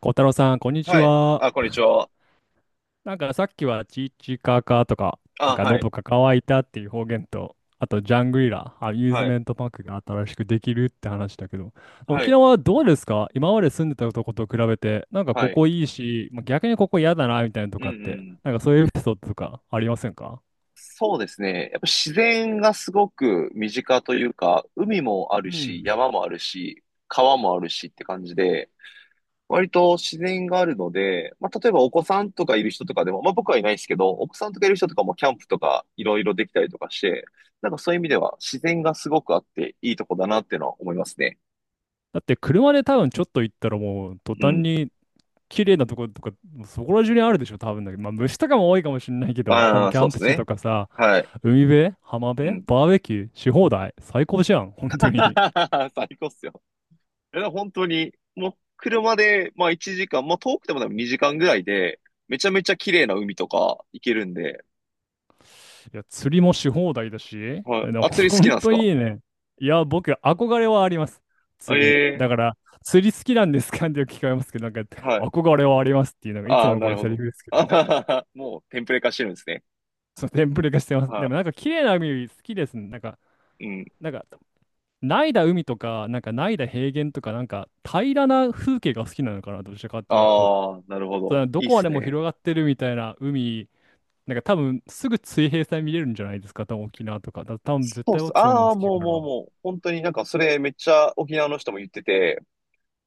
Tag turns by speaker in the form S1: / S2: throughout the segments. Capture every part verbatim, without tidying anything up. S1: 小太郎さん、こんにち
S2: はい。
S1: は。
S2: あ、こんにちは。
S1: なんかさっきはチーチカカとか、なん
S2: あ、
S1: か
S2: はい。
S1: 喉が渇いたっていう方言と、あとジャングリラ、アミューズ
S2: はい。
S1: メントパークが新しくできるって話だけど、
S2: は
S1: 沖
S2: い。
S1: 縄はどうですか？今まで住んでたとこと比べて、なんか
S2: は
S1: こ
S2: い。
S1: こいいし、まあ逆にここ嫌だなみたいなのと
S2: うんう
S1: かって、
S2: ん。
S1: なんかそういうエピソードとかありませんか？
S2: そうですね。やっぱ自然がすごく身近というか、海もあ
S1: う
S2: る
S1: ん。
S2: し、山もあるし、川もあるしって感じで、割と自然があるので、まあ、例えばお子さんとかいる人とかでも、まあ、僕はいないですけど、お子さんとかいる人とかもキャンプとかいろいろできたりとかして、なんかそういう意味では自然がすごくあっていいとこだなっていうのは思いますね。
S1: だって車で多分ちょっと行ったらもう途
S2: う
S1: 端
S2: ん。
S1: に綺麗なところとか、そこら中にあるでしょ、多分だけど。まあ、虫とかも多いかもしれないけど、多分
S2: ああ、
S1: キャ
S2: そう
S1: ン
S2: で
S1: プ
S2: す
S1: 地と
S2: ね。
S1: かさ、
S2: はい。
S1: 海辺、浜
S2: う
S1: 辺、
S2: ん。
S1: バーベキューし放題。最高じゃん、本当に。
S2: 最高っすよ。いや、本当に、もう車で、まあいちじかん、まあ遠くてもでもにじかんぐらいで、めちゃめちゃ綺麗な海とか行けるんで。
S1: いや、釣りもし放題だし、
S2: は
S1: あ
S2: い。
S1: の
S2: あ、釣り好き
S1: 本
S2: なんです
S1: 当
S2: か？
S1: いいね。いや、僕、憧れはあります。釣り。
S2: ええ、
S1: だから、釣り好きなんですかってよく聞かれますけど、なんか、
S2: はい。
S1: 憧れはありますっていうのが、いつ
S2: あ
S1: も
S2: あ、
S1: の
S2: な
S1: こ
S2: る
S1: れ
S2: ほ
S1: セリ
S2: ど。
S1: フです け
S2: あ
S1: ど、
S2: はははもうテンプレ化してるんですね。
S1: そのテンプレ化してます。で
S2: は
S1: も、なんか、綺麗な海好きですね。なんか、
S2: い。うん。
S1: なんか、ないだ海とか、なんかないだ平原とか、なんか平らな風景が好きなのかな、どちらかっていうと。
S2: ああ、なるほ
S1: だか
S2: ど。
S1: らど
S2: いいっ
S1: こま
S2: す
S1: でも
S2: ね。
S1: 広がってるみたいな海、なんか多分すぐ水平線見れるんじゃないですか、多分沖縄とか。だ多分絶
S2: そうっ
S1: 対
S2: す。
S1: 僕そういうの
S2: ああ、
S1: 好き
S2: も
S1: か
S2: うもう
S1: な。
S2: もう、本当になんかそれめっちゃ沖縄の人も言ってて、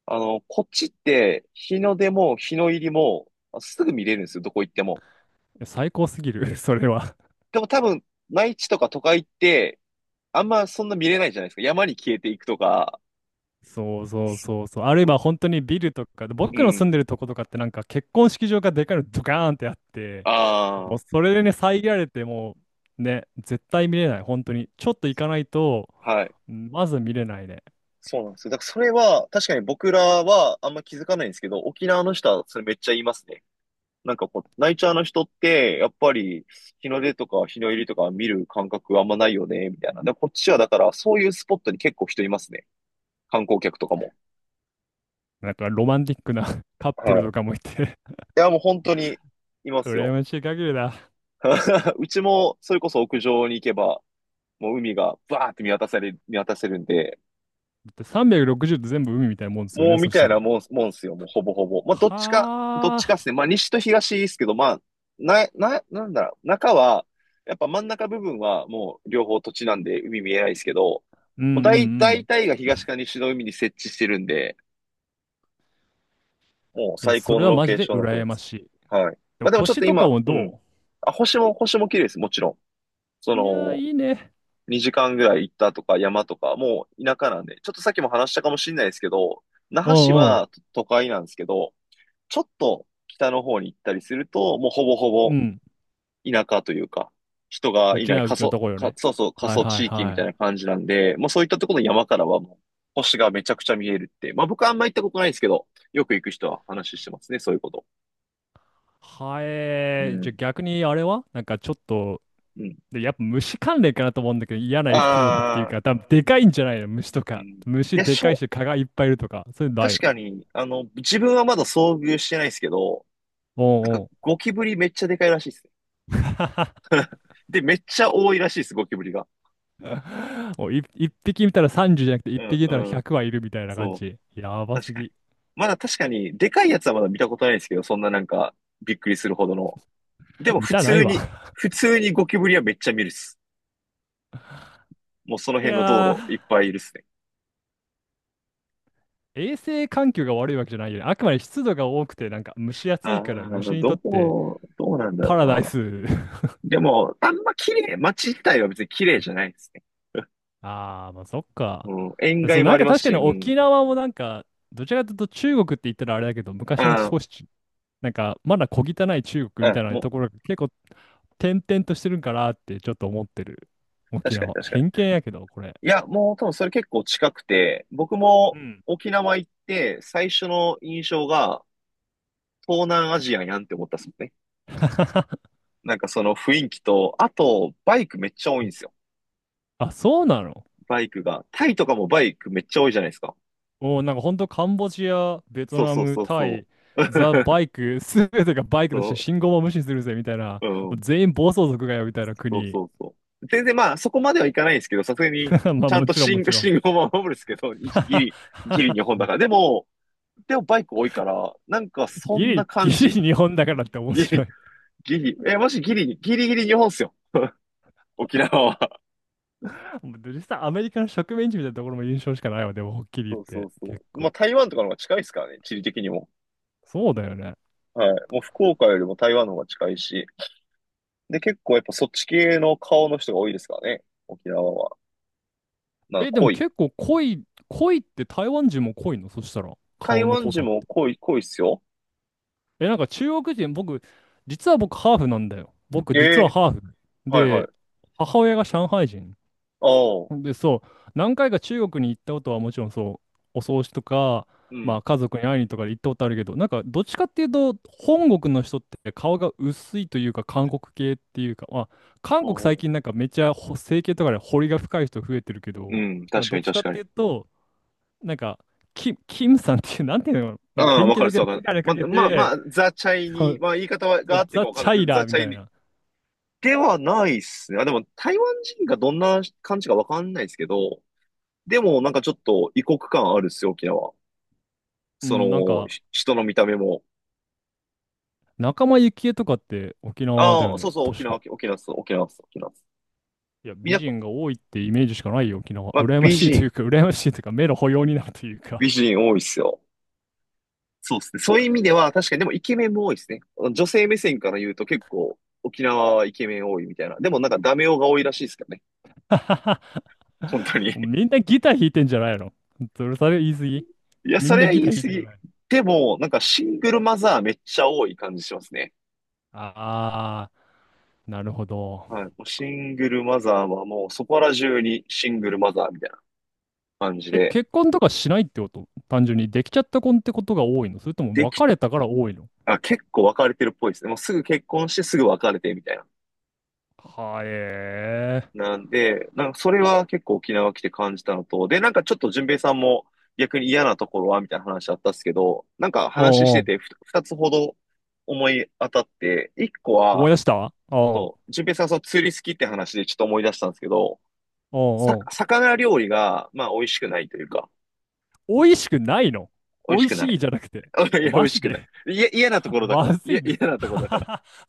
S2: あの、こっちって日の出も日の入りもあすぐ見れるんですよ、どこ行っても。
S1: 最高すぎる、それは。
S2: でも多分、内地とか都会ってあんまそんな見れないじゃないですか。山に消えていくとか。
S1: そうそうそうそう。あるい
S2: う、
S1: は本当にビルとか、
S2: う
S1: 僕の住ん
S2: ん。
S1: でるとことかってなんか結婚式場がでかいのドカーンってあって、も
S2: あ
S1: うそれでね、遮られてもうね、絶対見れない、本当に。ちょっと行かないと、
S2: あ、はい。
S1: うん、まず見れないね。
S2: そうなんですよ。だからそれは、確かに僕らはあんま気づかないんですけど、沖縄の人はそれめっちゃ言いますね。なんかこう、ナイチャーの人って、やっぱり日の出とか日の入りとか見る感覚あんまないよね、みたいな。で、こっちはだからそういうスポットに結構人いますね。観光客とかも。
S1: なんかロマンティックな カップ
S2: は
S1: ル
S2: い。
S1: とか
S2: い
S1: もいて、
S2: や、もう本当にいま す
S1: 羨
S2: よ。
S1: ましい限りだ。だ
S2: うちも、それこそ屋上に行けば、もう海がバーって見渡され、見渡せるんで、
S1: ってさんびゃくろくじゅうって全部海みたいなもんですよ
S2: もう
S1: ね、
S2: み
S1: そし
S2: た
S1: た
S2: いな
S1: ら。
S2: もん、もんすよ、もうほぼほぼ。まあ、どっちか、どっ
S1: は
S2: ちかで
S1: あ。
S2: すね。まあ、西と東ですけど、まあ、な、な、なんだろう、中は、やっぱ真ん中部分はもう両方土地なんで海見えないですけど、
S1: うんうんう
S2: もう大、大
S1: ん。
S2: 体が東か西の海に設置してるんで、もう
S1: いや、
S2: 最
S1: そ
S2: 高
S1: れ
S2: の
S1: は
S2: ロ
S1: マ
S2: ケ
S1: ジ
S2: ー
S1: で
S2: ションだと思
S1: 羨
S2: いま
S1: ま
S2: す。
S1: しい。
S2: はい。
S1: で
S2: まあ、
S1: も
S2: でもちょっ
S1: 星
S2: と
S1: とか
S2: 今、
S1: も
S2: うん。
S1: ど、
S2: あ、星も、星も綺麗です、もちろん。そ
S1: ういやー、
S2: の、
S1: いいね。
S2: にじかんぐらい行ったとか山とか、もう田舎なんで、ちょっとさっきも話したかもしれないですけど、那
S1: う
S2: 覇市
S1: んうん。
S2: は都会なんですけど、ちょっと北の方に行ったりすると、もうほぼほ
S1: う
S2: ぼ
S1: ん。
S2: 田舎というか、人が
S1: う
S2: い
S1: ち
S2: ない
S1: な、う
S2: 過
S1: ちの
S2: 疎、
S1: とこよ
S2: か、
S1: ね。
S2: そうそう、過
S1: はい
S2: 疎
S1: はい
S2: 地域み
S1: は
S2: たいな
S1: い。
S2: 感じなんで、もうそういったところの山からはもう星がめちゃくちゃ見えるって。まあ僕はあんま行ったことないんですけど、よく行く人は話してますね、そういうこと。
S1: は
S2: う
S1: えー、じゃあ
S2: ん、
S1: 逆にあれはなんかちょっと、
S2: うん。
S1: で、やっぱ虫関連かなと思うんだけど、嫌なエピソードっていう
S2: ああ、
S1: か、多分でかいんじゃないの虫と
S2: うん。
S1: か。
S2: い
S1: 虫
S2: や、
S1: で
S2: し
S1: かい
S2: ょ、
S1: し、蚊がいっぱいいるとか。そういうのない
S2: 確
S1: の？
S2: かに、あの、自分はまだ遭遇してないですけど、なんか
S1: お、
S2: ゴキブリめっちゃでかいらしいですね。で、めっちゃ多いらしいです、ゴキブリが。
S1: もうい一匹見たらさんじゅうじゅうじゃなくて
S2: う
S1: 一
S2: ん、
S1: 匹見たら
S2: うん。
S1: ひゃくはいるみたいな感
S2: そう。
S1: じ。やば
S2: 確
S1: す
S2: かに。
S1: ぎ。
S2: まだ確かに、でかいやつはまだ見たことないですけど、そんななんか、びっくりするほどの。でも
S1: 見
S2: 普
S1: たない
S2: 通に、
S1: わ。
S2: 普通にゴキブリはめっちゃ見るっす。もうその
S1: い
S2: 辺の道
S1: や
S2: 路い
S1: ー。
S2: っぱいいるっすね。
S1: 衛生環境が悪いわけじゃないよね。あくまで湿度が多くて、なんか蒸し暑いから
S2: ああ、
S1: 虫に
S2: ど
S1: とって
S2: う、どうなんだろ
S1: パ
S2: う
S1: ラダイ
S2: な。
S1: ス。
S2: でも、あんま綺麗、街自体は別に綺麗じゃないですね。
S1: ああ、まあそっか。
S2: うん、塩
S1: そ
S2: 害
S1: う、
S2: も
S1: な
S2: あ
S1: ん
S2: り
S1: か
S2: ます
S1: 確か
S2: し、
S1: に
S2: うん。
S1: 沖縄もなんか、どちらかというと中国って言ったらあれだけど、昔の
S2: あ
S1: 少しち、なんかまだ小汚い中国
S2: あ、
S1: み
S2: う
S1: た
S2: ん、
S1: いな
S2: も
S1: ところが結構点々としてるんかなってちょっと思ってる。
S2: う、
S1: 沖
S2: 確かに
S1: 縄。
S2: 確かに。
S1: 偏見やけど、これ。
S2: いや、もう多分それ結構近くて、僕
S1: う
S2: も
S1: ん。
S2: 沖縄行って最初の印象が東南アジアやんって思ったっすもんね。なんかその雰囲気と、あと、バイクめっちゃ多いんですよ。
S1: あ、そうなの？
S2: バイクが。タイとかもバイクめっちゃ多いじゃないですか。
S1: おー、なんか本当カンボジア、ベト
S2: そう
S1: ナ
S2: そう
S1: ム、
S2: そう
S1: タ
S2: そ
S1: イ、
S2: う。
S1: ザ・ バイク、すべてがバイクとして
S2: そ
S1: 信号も無視するぜみたいな、
S2: う、う
S1: もう
S2: ん、
S1: 全員暴走族がよみたいな
S2: そう
S1: 国。
S2: そうそう。全然まあ、そこまではいかないんですけど、さすがに、
S1: ま
S2: ち
S1: あ
S2: ゃん
S1: も
S2: と
S1: ちろんも
S2: 信号、
S1: ちろん。
S2: 信号も守るんですけど、一ギリ、ギリ日本 だから。でも、でもバイク多いから、なんかそ
S1: ギ
S2: んな
S1: リ、ギ
S2: 感
S1: リ
S2: じ。
S1: 日本だからって面
S2: ギ
S1: 白
S2: リ、
S1: い。
S2: ギリ、え、もしギリ、ギリギリ日本っすよ。沖縄は。
S1: もう実際アメリカの植民地みたいなところも印象しかないわ、でもはっきり
S2: そう
S1: 言っ
S2: そ
S1: て。
S2: うそ
S1: 結
S2: う。まあ、
S1: 構。
S2: 台湾とかの方が近いですからね、地理的にも。
S1: そうだよね。
S2: はい。もう福岡よりも台湾の方が近いし、で、結構やっぱそっち系の顔の人が多いですからね。沖縄は。なんか
S1: え、でも
S2: 濃い。
S1: 結構濃い、濃いって台湾人も濃いの？そしたら。
S2: 台
S1: 顔の
S2: 湾
S1: 濃さ
S2: 人
S1: っ
S2: も
S1: て。
S2: 濃い、濃いっすよ。
S1: え、なんか中国人、僕、実は僕ハーフなんだよ。僕、
S2: え
S1: 実は
S2: え、
S1: ハーフ。
S2: はいはい。
S1: で、母親が上海人。
S2: ああ、
S1: で、そう、何回か中国に行ったことはもちろんそう、お葬式とか、
S2: う
S1: ま
S2: ん。
S1: あ家族に会いにとかで行ったことあるけど、なんかどっちかっていうと、本国の人って顔が薄いというか、韓国系っていうか、まあ、韓
S2: ああ、
S1: 国最近なんかめっちゃほ整形とかで彫りが深い人増えてるけ
S2: う
S1: ど、
S2: ん、
S1: なんか
S2: 確
S1: ど
S2: か
S1: っ
S2: に
S1: ちか
S2: 確
S1: っ
S2: か
S1: て
S2: に。
S1: いうと、なんか、キム、キムさんっていう、なんていうの、
S2: あ
S1: なんか
S2: あ、
S1: 典
S2: わ
S1: 型
S2: かるっ
S1: 的
S2: す
S1: な
S2: わか
S1: 眼
S2: る。
S1: 鏡か
S2: ま、
S1: け
S2: まあま
S1: て、
S2: あ、ザ・チャイニー、まあ言い方はが合ってる
S1: ザ・
S2: かわかん
S1: チ
S2: ない
S1: ャ
S2: で
S1: イ
S2: すけど、ザ・
S1: ラーみ
S2: チャ
S1: た
S2: イ
S1: い
S2: ニー
S1: な。
S2: ではないっすね。あ、でも台湾人がどんな感じかわかんないですけど、でもなんかちょっと異国感あるっすよ、沖縄。
S1: う
S2: そ
S1: ん、なん
S2: の、
S1: か、
S2: ひ人の見た目も。
S1: 仲間由紀恵とかって沖縄だ
S2: あ
S1: よ
S2: あ、そう
S1: ね、
S2: そう、沖
S1: 確
S2: 縄、
S1: か。
S2: 沖縄っす、沖縄っす、沖縄っす。
S1: いや、
S2: みん
S1: 美
S2: な
S1: 人が多いってイメージしかないよ、沖縄。
S2: まあ、
S1: 羨ま
S2: 美
S1: しいとい
S2: 人、
S1: うか、羨ましいというか、目の保養になるというか。
S2: 美人多いっすよ。そうですね。そういう意味では、確かにでもイケメンも多いですね。女性目線から言うと結構沖縄はイケメン多いみたいな。でもなんかダメ男が多いらしいですからね。本当に。
S1: みんなギター弾いてんじゃないの？それ、それ言い過ぎ。
S2: いや、
S1: み
S2: そ
S1: ん
S2: れ
S1: な
S2: は
S1: ギ
S2: 言
S1: タ
S2: い
S1: ー弾い
S2: 過
S1: てな
S2: ぎ。
S1: い。
S2: でも、なんかシングルマザーめっちゃ多い感じしますね。
S1: あー、なるほど。
S2: はい。もうシングルマザーはもうそこら中にシングルマザーみたいな感じ
S1: え、
S2: で。
S1: 結婚とかしないってこと？単純に、できちゃった婚ってことが多いの？それとも
S2: でき、
S1: 別れたから多いの？
S2: あ、結構別れてるっぽいですね。もうすぐ結婚してすぐ別れてみたいな。
S1: はえー。
S2: なんで、なんかそれは結構沖縄来て感じたのと、で、なんかちょっと淳平さんも逆に嫌なところはみたいな話あったっすけど、なんか話し
S1: おうお
S2: て
S1: う。
S2: てふ二つほど思い当たって、一個
S1: 思
S2: は、
S1: い出した。おう
S2: そう、淳平さんがその釣り好きって話でちょっと思い出したんですけど、
S1: お
S2: さ、
S1: うおう。
S2: 魚料理が、まあ美味しくないというか、
S1: 美味しくないの？
S2: 美
S1: 美
S2: 味し
S1: 味
S2: くな
S1: し
S2: い。
S1: いじゃなくて。
S2: いや、美
S1: マ
S2: 味し
S1: ジ
S2: くない。
S1: で。
S2: いや、嫌なと ころだか
S1: ま
S2: ら。い
S1: ず
S2: や、
S1: いんだ。
S2: 嫌なところだから。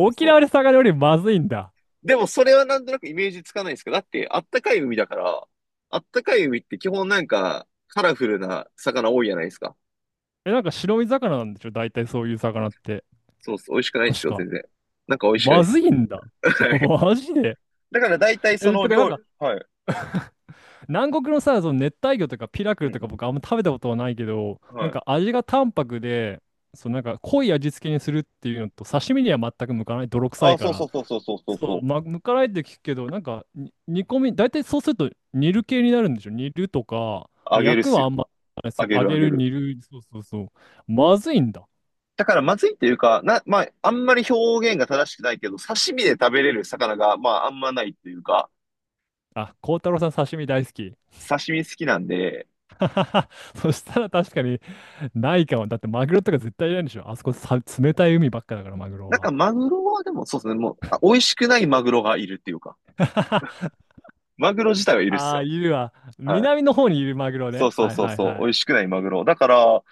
S2: そうそう。
S1: 縄で魚料理まずいんだ。
S2: でもそれはなんとなくイメージつかないんですけど、だってあったかい海だから、あったかい海って基本なんかカラフルな魚多いじゃないですか。
S1: え、なんか白身魚なんでしょ大体そういう魚って。
S2: そうです。美味しくないです
S1: 確
S2: よ、
S1: か。
S2: 全然。なんか美味しくない
S1: ま
S2: で
S1: ず
S2: す。
S1: いんだ。
S2: はい。
S1: マジで。
S2: だから大体そ
S1: え、
S2: の
S1: てかなん
S2: 料理、
S1: か、
S2: はい。
S1: 南国のさ、その熱帯魚とかピラク
S2: う
S1: ルとか
S2: ん
S1: 僕あんま食べたことはないけど、
S2: うん。
S1: なん
S2: はい。
S1: か味が淡白で、そうなんか濃い味付けにするっていうのと、刺身には全く向かない。泥臭
S2: あ、
S1: いか
S2: そうそ
S1: ら。
S2: うそうそうそうそう
S1: そ
S2: そ
S1: う、
S2: う。
S1: ま、むからいって聞くけど、なんか、に煮込み、大体そうすると煮る系になるんでしょ？煮るとか、
S2: あげる
S1: 焼
S2: っ
S1: く
S2: す
S1: はあ
S2: よ。
S1: んま、
S2: あ
S1: そう、
S2: げ
S1: 揚
S2: るあ
S1: げ
S2: げ
S1: る、
S2: る。
S1: 煮る、そうそうそう。まずいんだ。
S2: だからまずいっていうか、な、まあ、あんまり表現が正しくないけど、刺身で食べれる魚が、まあ、あんまないっていうか、
S1: あ、孝太郎さん刺身大好き。
S2: 刺身好きなんで、
S1: そしたら確かにないかも。だってマグロとか絶対いないんでしょあそこさ、冷たい海ばっかだから、マグロ
S2: なんか
S1: は。
S2: マグロはでもそうですね、もう、あ美味しくないマグロがいるっていうか。マグロ自体はいるっす
S1: ああ、
S2: よ。
S1: いるわ。
S2: はい。
S1: 南の方にいるマグロ
S2: そ
S1: ね。
S2: うそう
S1: はい
S2: そう
S1: はい
S2: そう。
S1: は
S2: 美
S1: い。
S2: 味しくないマグロ。だから、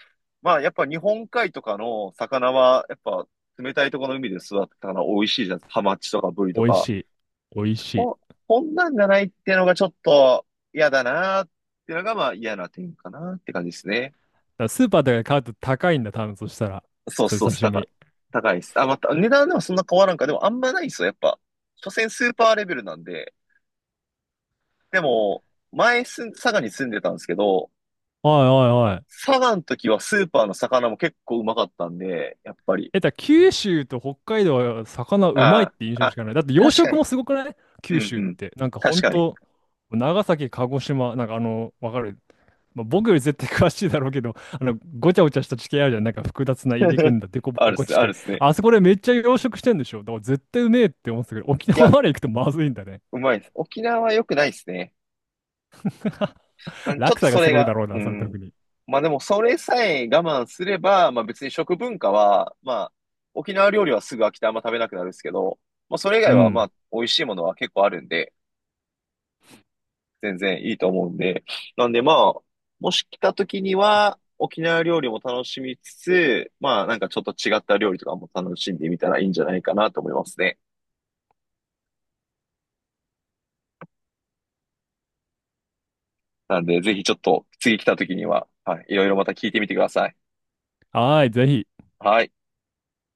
S2: まあやっぱ日本海とかの魚は、やっぱ冷たいところの海で育ったから美味しいじゃないですか。ハマチとかブリと
S1: 美味し
S2: か。
S1: い。美味しい。
S2: こ、こんなんじゃないっていうのがちょっと嫌だなっていうのがまあ嫌な点かなって感じですね。
S1: だからスーパーとかで買うと高いんだ、多分そしたら。
S2: そう
S1: そういう
S2: そう
S1: 刺
S2: 高い。
S1: 身。
S2: 高いです。あ、また、値段ではそんな変わらんか。でもあんまないっすよ、やっぱ。所詮スーパーレベルなんで。でも、前す、佐賀に住んでたんですけど、
S1: はいはいはい。
S2: 佐賀の時はスーパーの魚も結構うまかったんで、やっぱり。
S1: え、だから九州と北海道は魚うまいっ
S2: あ
S1: て印
S2: あ、
S1: 象し
S2: あ、
S1: かない。だって養
S2: 確か
S1: 殖
S2: に。
S1: もすごくない？
S2: うん
S1: 九州
S2: う
S1: っ
S2: ん。
S1: て。なんかほ
S2: 確
S1: ん
S2: かに。
S1: と、長崎、鹿児島、なんかあの、わかる。まあ、僕より絶対詳しいだろうけど、あの、ごちゃごちゃした地形あるじゃん。なんか複雑な入り組ん だデコ
S2: ある
S1: ボ
S2: っ
S1: コ
S2: すね、
S1: 地
S2: ある
S1: 形。
S2: っすね。
S1: あそこでめっちゃ養殖してんでしょ。だから絶対うめえって思ってたけど、沖
S2: い
S1: 縄
S2: や、
S1: まで行くとまずいんだね。
S2: うまいです。沖縄は良くないっすね。まあ、ち
S1: 落
S2: ょっと
S1: 差
S2: そ
S1: がす
S2: れ
S1: ごいだ
S2: が、
S1: ろう
S2: う
S1: な、それ
S2: ん。
S1: 特に。
S2: まあでも、それさえ我慢すれば、まあ別に食文化は、まあ、沖縄料理はすぐ飽きてあんま食べなくなるんですけど、まあそれ以
S1: う
S2: 外はま
S1: ん。
S2: あ、美味しいものは結構あるんで、全然いいと思うんで。なんでまあ、もし来た時には、沖縄料理も楽しみつつ、まあなんかちょっと違った料理とかも楽しんでみたらいいんじゃないかなと思いますね。なんでぜひちょっと次来た時には、はい、いろいろまた聞いてみてください。
S1: はーい、ぜひ。
S2: はい。